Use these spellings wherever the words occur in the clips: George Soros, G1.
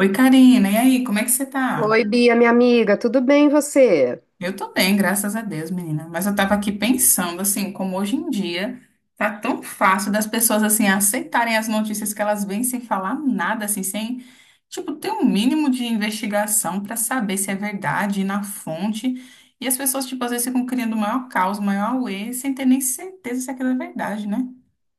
Oi, Karina, e aí, como é que você tá? Oi, Bia, minha amiga, tudo bem e você? Eu tô bem, graças a Deus, menina. Mas eu tava aqui pensando, assim, como hoje em dia tá tão fácil das pessoas, assim, aceitarem as notícias que elas vêm sem falar nada, assim, sem, tipo, ter um mínimo de investigação pra saber se é verdade, ir na fonte. E as pessoas, tipo, às vezes ficam criando o maior caos, o maior auê, sem ter nem certeza se aquilo é verdade, né?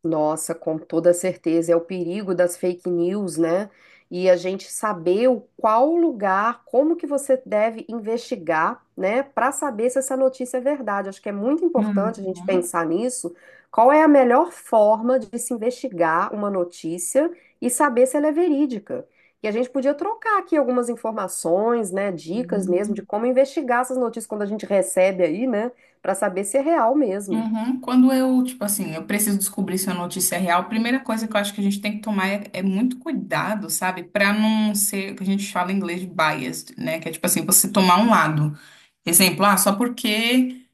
Nossa, com toda certeza, é o perigo das fake news, né? E a gente saber o qual lugar, como que você deve investigar, né, para saber se essa notícia é verdade. Acho que é muito importante a gente pensar nisso. Qual é a melhor forma de se investigar uma notícia e saber se ela é verídica? E a gente podia trocar aqui algumas informações, né, dicas mesmo de Uhum. como investigar essas notícias quando a gente recebe aí, né, para saber se é real mesmo. Uhum. Quando eu, tipo assim, eu preciso descobrir se a notícia é real, a primeira coisa que eu acho que a gente tem que tomar é, é muito cuidado, sabe? Pra não ser, o que a gente fala em inglês, de biased, né? Que é tipo assim, você tomar um lado. Exemplo, ah, só porque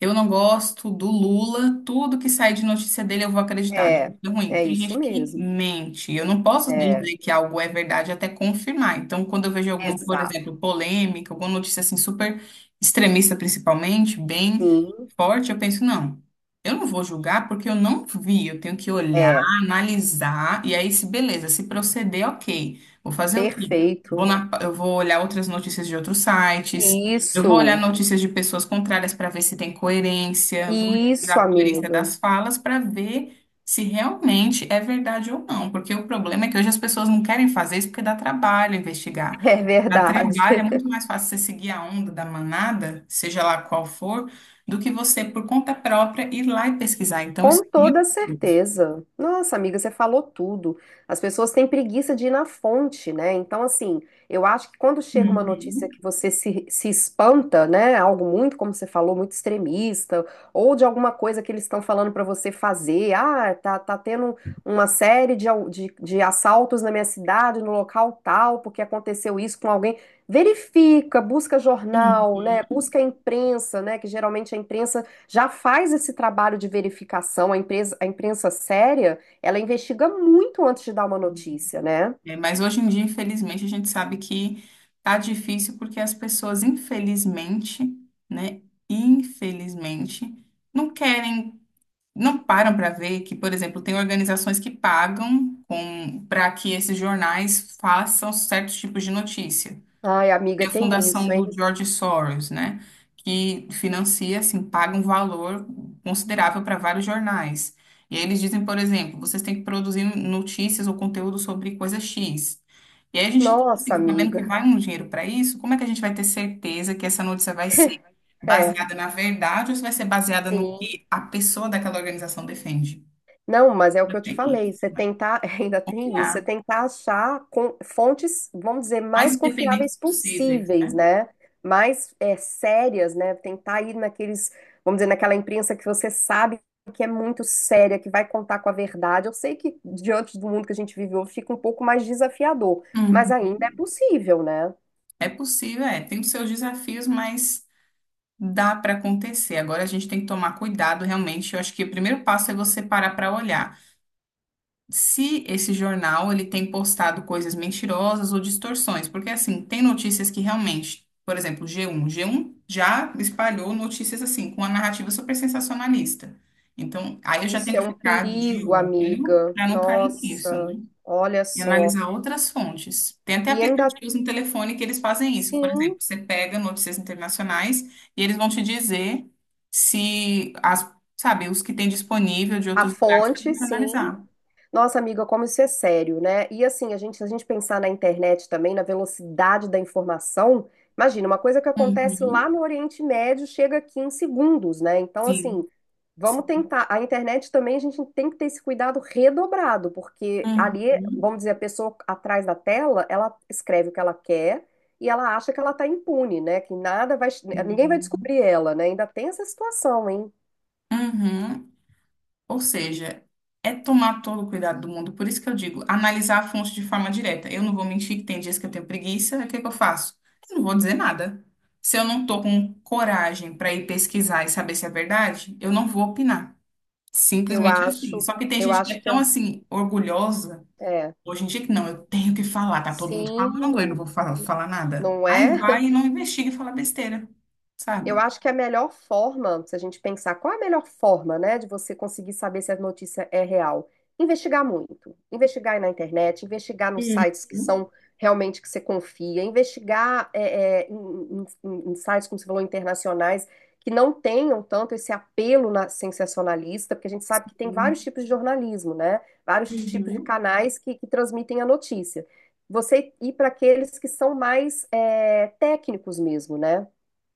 eu não gosto do Lula, tudo que sai de notícia dele eu vou acreditar. É, É ruim. é Tem isso gente que mesmo. mente. Eu não posso É, dizer que algo é verdade até confirmar. Então, quando eu vejo alguma, por exemplo, exato. polêmica, alguma notícia assim super extremista, principalmente, bem Sim, forte, eu penso, não, eu não vou julgar porque eu não vi, eu tenho que olhar, é, analisar, e aí se beleza, se proceder, ok. Vou fazer o quê? Vou perfeito. na, eu vou olhar outras notícias de outros sites, eu vou olhar Isso, notícias de pessoas contrárias para ver se tem coerência, vou analisar isso, a coerência amigo. das falas para ver se realmente é verdade ou não, porque o problema é que hoje as pessoas não querem fazer isso porque dá trabalho investigar. É Dá verdade. trabalho, é muito mais fácil você seguir a onda da manada, seja lá qual for, do que você, por conta própria, ir lá e pesquisar. Então, isso. Com É mil toda por cento. certeza. Nossa, amiga, você falou tudo. As pessoas têm preguiça de ir na fonte, né? Então, assim, eu acho que quando chega uma notícia Uhum. que você se espanta, né? Algo muito, como você falou, muito extremista, ou de alguma coisa que eles estão falando para você fazer. Ah, tá, tá tendo uma série de assaltos na minha cidade, no local tal, porque aconteceu isso com alguém. Verifica, busca Uhum. jornal, né? Busca a imprensa, né? Que geralmente a imprensa já faz esse trabalho de verificação. A empresa, a imprensa séria, ela investiga muito antes de dar uma notícia, né? É, mas hoje em dia, infelizmente, a gente sabe que tá difícil porque as pessoas, infelizmente, né, infelizmente, não querem, não param para ver que, por exemplo, tem organizações que pagam com para que esses jornais façam certos tipos de notícia. Ai, E amiga, a tem fundação isso, hein? do George Soros, né? Que financia, assim, paga um valor considerável para vários jornais. E aí eles dizem, por exemplo, vocês têm que produzir notícias ou conteúdo sobre coisa X. E aí a gente, Nossa, assim, sabendo que amiga. vai um dinheiro para isso, como é que a gente vai ter certeza que essa notícia vai ser É, baseada na verdade ou se vai ser baseada no sim. que a pessoa daquela organização defende? Não, mas é o Não que eu te tem falei, isso, você né? tentar, ainda tem isso, você Criar. tentar fontes, vamos dizer, Mais mais independentes confiáveis possíveis, possíveis, né? né? Mais é, sérias, né? Tentar ir naqueles, vamos dizer, naquela imprensa que você sabe que é muito séria, que vai contar com a verdade. Eu sei que diante do mundo que a gente vive hoje fica um pouco mais desafiador, mas Uhum. ainda é possível, né? É possível, é. Tem os seus desafios, mas dá para acontecer. Agora a gente tem que tomar cuidado, realmente. Eu acho que o primeiro passo é você parar para olhar se esse jornal ele tem postado coisas mentirosas ou distorções, porque assim, tem notícias que realmente, por exemplo, G1, G1 já espalhou notícias assim com a narrativa super sensacionalista. Então, aí eu já Isso tenho é que um ficar de perigo, olho amiga. para não cair nisso, Nossa, né? olha E só. analisar outras fontes. Tem até E ainda, aplicativos no telefone que eles fazem isso. Por exemplo, sim, você pega notícias internacionais e eles vão te dizer se as, sabe, os que tem disponível de a outros lugares para fonte, você sim. analisar. Nossa, amiga, como isso é sério, né? E assim, a gente, se a gente pensar na internet também, na velocidade da informação, imagina, uma coisa que acontece lá Uhum. no Oriente Médio chega aqui em segundos, né? Então, assim, Sim. vamos Sim. tentar. A internet também, a gente tem que ter esse cuidado redobrado, porque ali, Uhum. vamos dizer, a pessoa atrás da tela, ela escreve o que ela quer e ela acha que ela tá impune, né? Que nada vai, ninguém vai Sim. descobrir ela, né? Ainda tem essa situação, hein? Uhum. Ou seja, é tomar todo o cuidado do mundo. Por isso que eu digo, analisar a fonte de forma direta. Eu não vou mentir que tem dias que eu tenho preguiça, o que que eu faço? Eu não vou dizer nada. Se eu não tô com coragem para ir pesquisar e saber se é verdade, eu não vou opinar. Eu Simplesmente assim. acho, Só que tem eu gente que acho é que é. tão assim orgulhosa É. hoje em dia que não, eu tenho que falar, tá todo mundo falando, eu não Sim, vou falar, falar nada. não Aí é? vai e não investiga e fala besteira, Eu sabe? acho que a melhor forma, se a gente pensar qual é a melhor forma, né, de você conseguir saber se a notícia é real, investigar muito. Investigar aí na internet, investigar nos sites que Uhum. são realmente que você confia, investigar em sites, como você falou, internacionais, que não tenham tanto esse apelo sensacionalista, porque a gente sabe que tem vários tipos de jornalismo, né? Vários tipos de Uhum. canais que transmitem a notícia. Você ir para aqueles que são mais é, técnicos mesmo, né?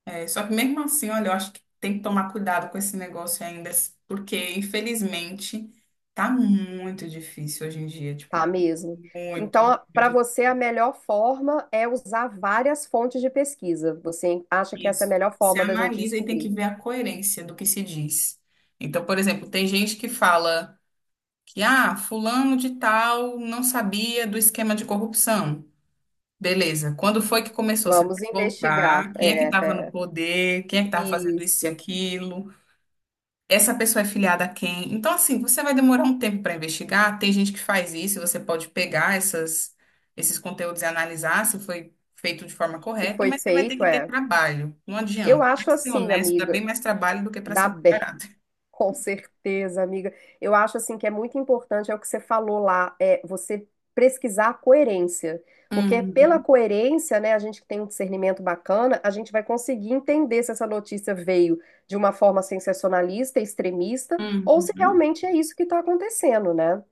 É, só que mesmo assim, olha, eu acho que tem que tomar cuidado com esse negócio ainda, porque infelizmente tá muito difícil hoje em dia, tipo, Tá mesmo. muito, Então, para muito você, a melhor forma é usar várias fontes de pesquisa. Você acha que essa é a difícil. melhor Você forma da gente analisa e tem que descobrir? ver a coerência do que se diz. Então, por exemplo, tem gente que fala que, ah, fulano de tal não sabia do esquema de corrupção. Beleza, quando foi que começou? Você tem Vamos que voltar, investigar. quem é que É, estava no é. poder, quem é que estava fazendo isso e Isso. aquilo? Essa pessoa é filiada a quem. Então, assim, você vai demorar um tempo para investigar. Tem gente que faz isso, e você pode pegar essas, esses conteúdos e analisar se foi feito de forma Se correta, foi mas você vai ter feito, que ter é. trabalho. Não Eu adianta. Para acho ser assim, honesto, dá bem amiga, mais trabalho do que para dá ser mais bem. barato. Com certeza, amiga. Eu acho assim que é muito importante, é o que você falou lá, é você pesquisar a coerência. Porque é pela Uhum, coerência, né, a gente que tem um discernimento bacana, a gente vai conseguir entender se essa notícia veio de uma forma sensacionalista, extremista, ou se uhum. realmente é isso que está acontecendo, né?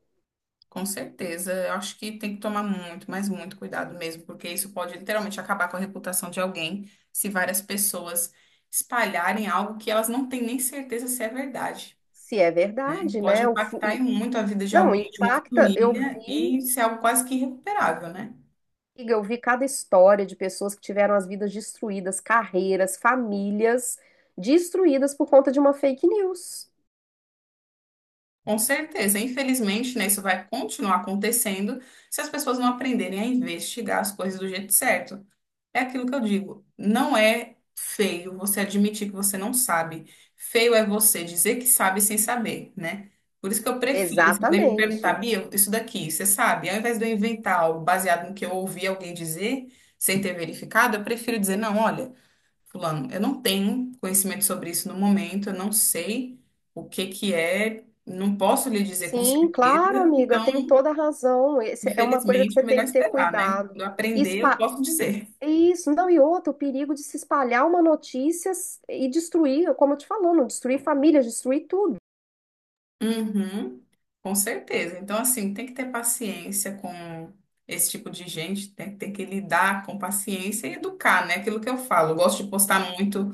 Com certeza. Eu acho que tem que tomar muito, mas muito cuidado mesmo, porque isso pode literalmente acabar com a reputação de alguém se várias pessoas espalharem algo que elas não têm nem certeza se é verdade. Se é verdade, Pode né? Impactar em muito a vida de Não, alguém, de uma impacta, eu família, vi. e ser algo quase que irrecuperável, né? Amiga, eu vi cada história de pessoas que tiveram as vidas destruídas, carreiras, famílias destruídas por conta de uma fake news. Com certeza. Infelizmente, né, isso vai continuar acontecendo se as pessoas não aprenderem a investigar as coisas do jeito certo. É aquilo que eu digo. Não é feio você admitir que você não sabe. Feio é você dizer que sabe sem saber, né? Por isso que eu prefiro, se alguém me perguntar, Exatamente. Bia, isso daqui, você sabe? Ao invés de eu inventar algo baseado no que eu ouvi alguém dizer, sem ter verificado, eu prefiro dizer, não, olha. Fulano, eu não tenho conhecimento sobre isso no momento, eu não sei o que que é, não posso lhe dizer com Sim, claro, certeza, amiga, então, tem toda a razão. Esse é uma coisa que infelizmente, você é tem melhor que ter esperar, né? cuidado. Quando eu aprender, eu Espa- posso dizer. Isso, não, e outra, o perigo de se espalhar uma notícia e destruir, como eu te falou, não destruir famílias, destruir tudo. Uhum, com certeza. Então, assim, tem que ter paciência com esse tipo de gente, tem, tem que lidar com paciência e educar, né? Aquilo que eu falo. Eu gosto de postar muito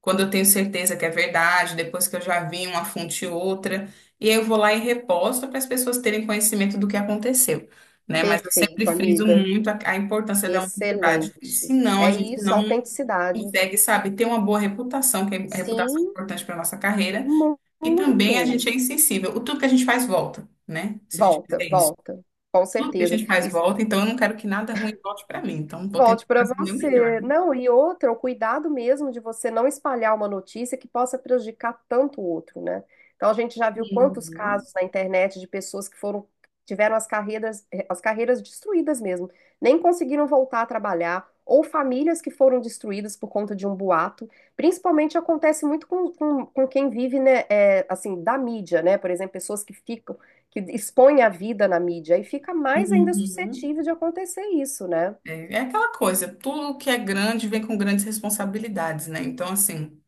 quando eu tenho certeza que é verdade, depois que eu já vi uma fonte e outra, e aí eu vou lá e reposto para as pessoas terem conhecimento do que aconteceu, né? Mas eu sempre Perfeito, friso amiga. muito a importância da honestidade. Excelente. Senão a É gente isso, não autenticidade. consegue, sabe, ter uma boa reputação, que é, a reputação é Sim, importante para nossa carreira, e muito. também a gente é insensível. O tudo que a gente faz volta, né? Se a gente Volta, fizer isso. volta, com Tudo que a certeza. gente faz E volta, então eu não quero que nada ruim volte para mim. Então, vou tentar volte para fazer o meu melhor, você. né? Não, e outra, o cuidado mesmo de você não espalhar uma notícia que possa prejudicar tanto o outro, né? Então a gente já viu quantos Uhum. casos na internet de pessoas que foram tiveram as carreiras destruídas mesmo, nem conseguiram voltar a trabalhar, ou famílias que foram destruídas por conta de um boato. Principalmente acontece muito com quem vive, né, é, assim, da mídia, né? Por exemplo, pessoas que ficam que expõem a vida na mídia e fica mais ainda Uhum. suscetível de acontecer isso, né? É, é aquela coisa, tudo que é grande vem com grandes responsabilidades, né? Então, assim,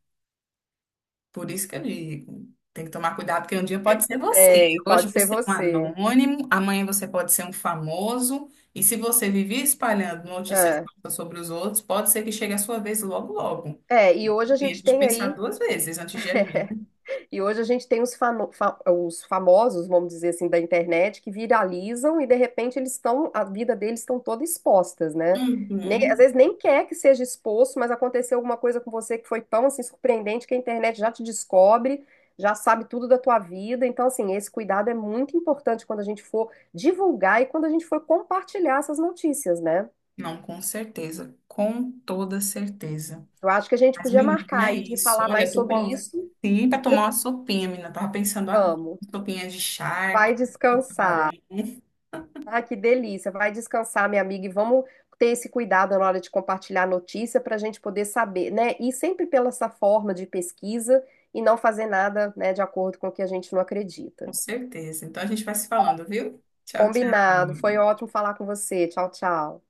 por isso que eu digo, tem que tomar cuidado, porque um dia pode ser você. Tem, Hoje pode ser você é um você. anônimo, amanhã você pode ser um famoso, e se você viver espalhando notícias É. falsas sobre os outros, pode ser que chegue a sua vez logo, logo. É, e hoje a Enfim, a gente gente tem pensar aí, duas vezes antes de agir, né? e hoje a gente tem os, os famosos, vamos dizer assim, da internet, que viralizam e de repente eles estão, a vida deles estão toda expostas, né? Nem, às Uhum. vezes nem quer que seja exposto, mas aconteceu alguma coisa com você que foi tão assim surpreendente que a internet já te descobre, já sabe tudo da tua vida. Então, assim, esse cuidado é muito importante quando a gente for divulgar e quando a gente for compartilhar essas notícias, né? Não, com certeza, com toda certeza. Eu acho que a gente Mas, podia marcar menina, é aí de isso. falar Olha, eu mais tô sobre com isso. sim pra tomar uma sopinha, menina. Eu tava pensando agora. Vamos. Sopinha de charque, Vai de camarão, descansar. Ah, que delícia. Vai descansar, minha amiga, e vamos ter esse cuidado na hora de compartilhar a notícia para a gente poder saber, né? E sempre pela essa forma de pesquisa e não fazer nada, né, de acordo com o que a gente não com acredita. certeza. Então a gente vai se falando, viu? Tchau, Combinado. tchau. Foi ótimo falar com você. Tchau, tchau.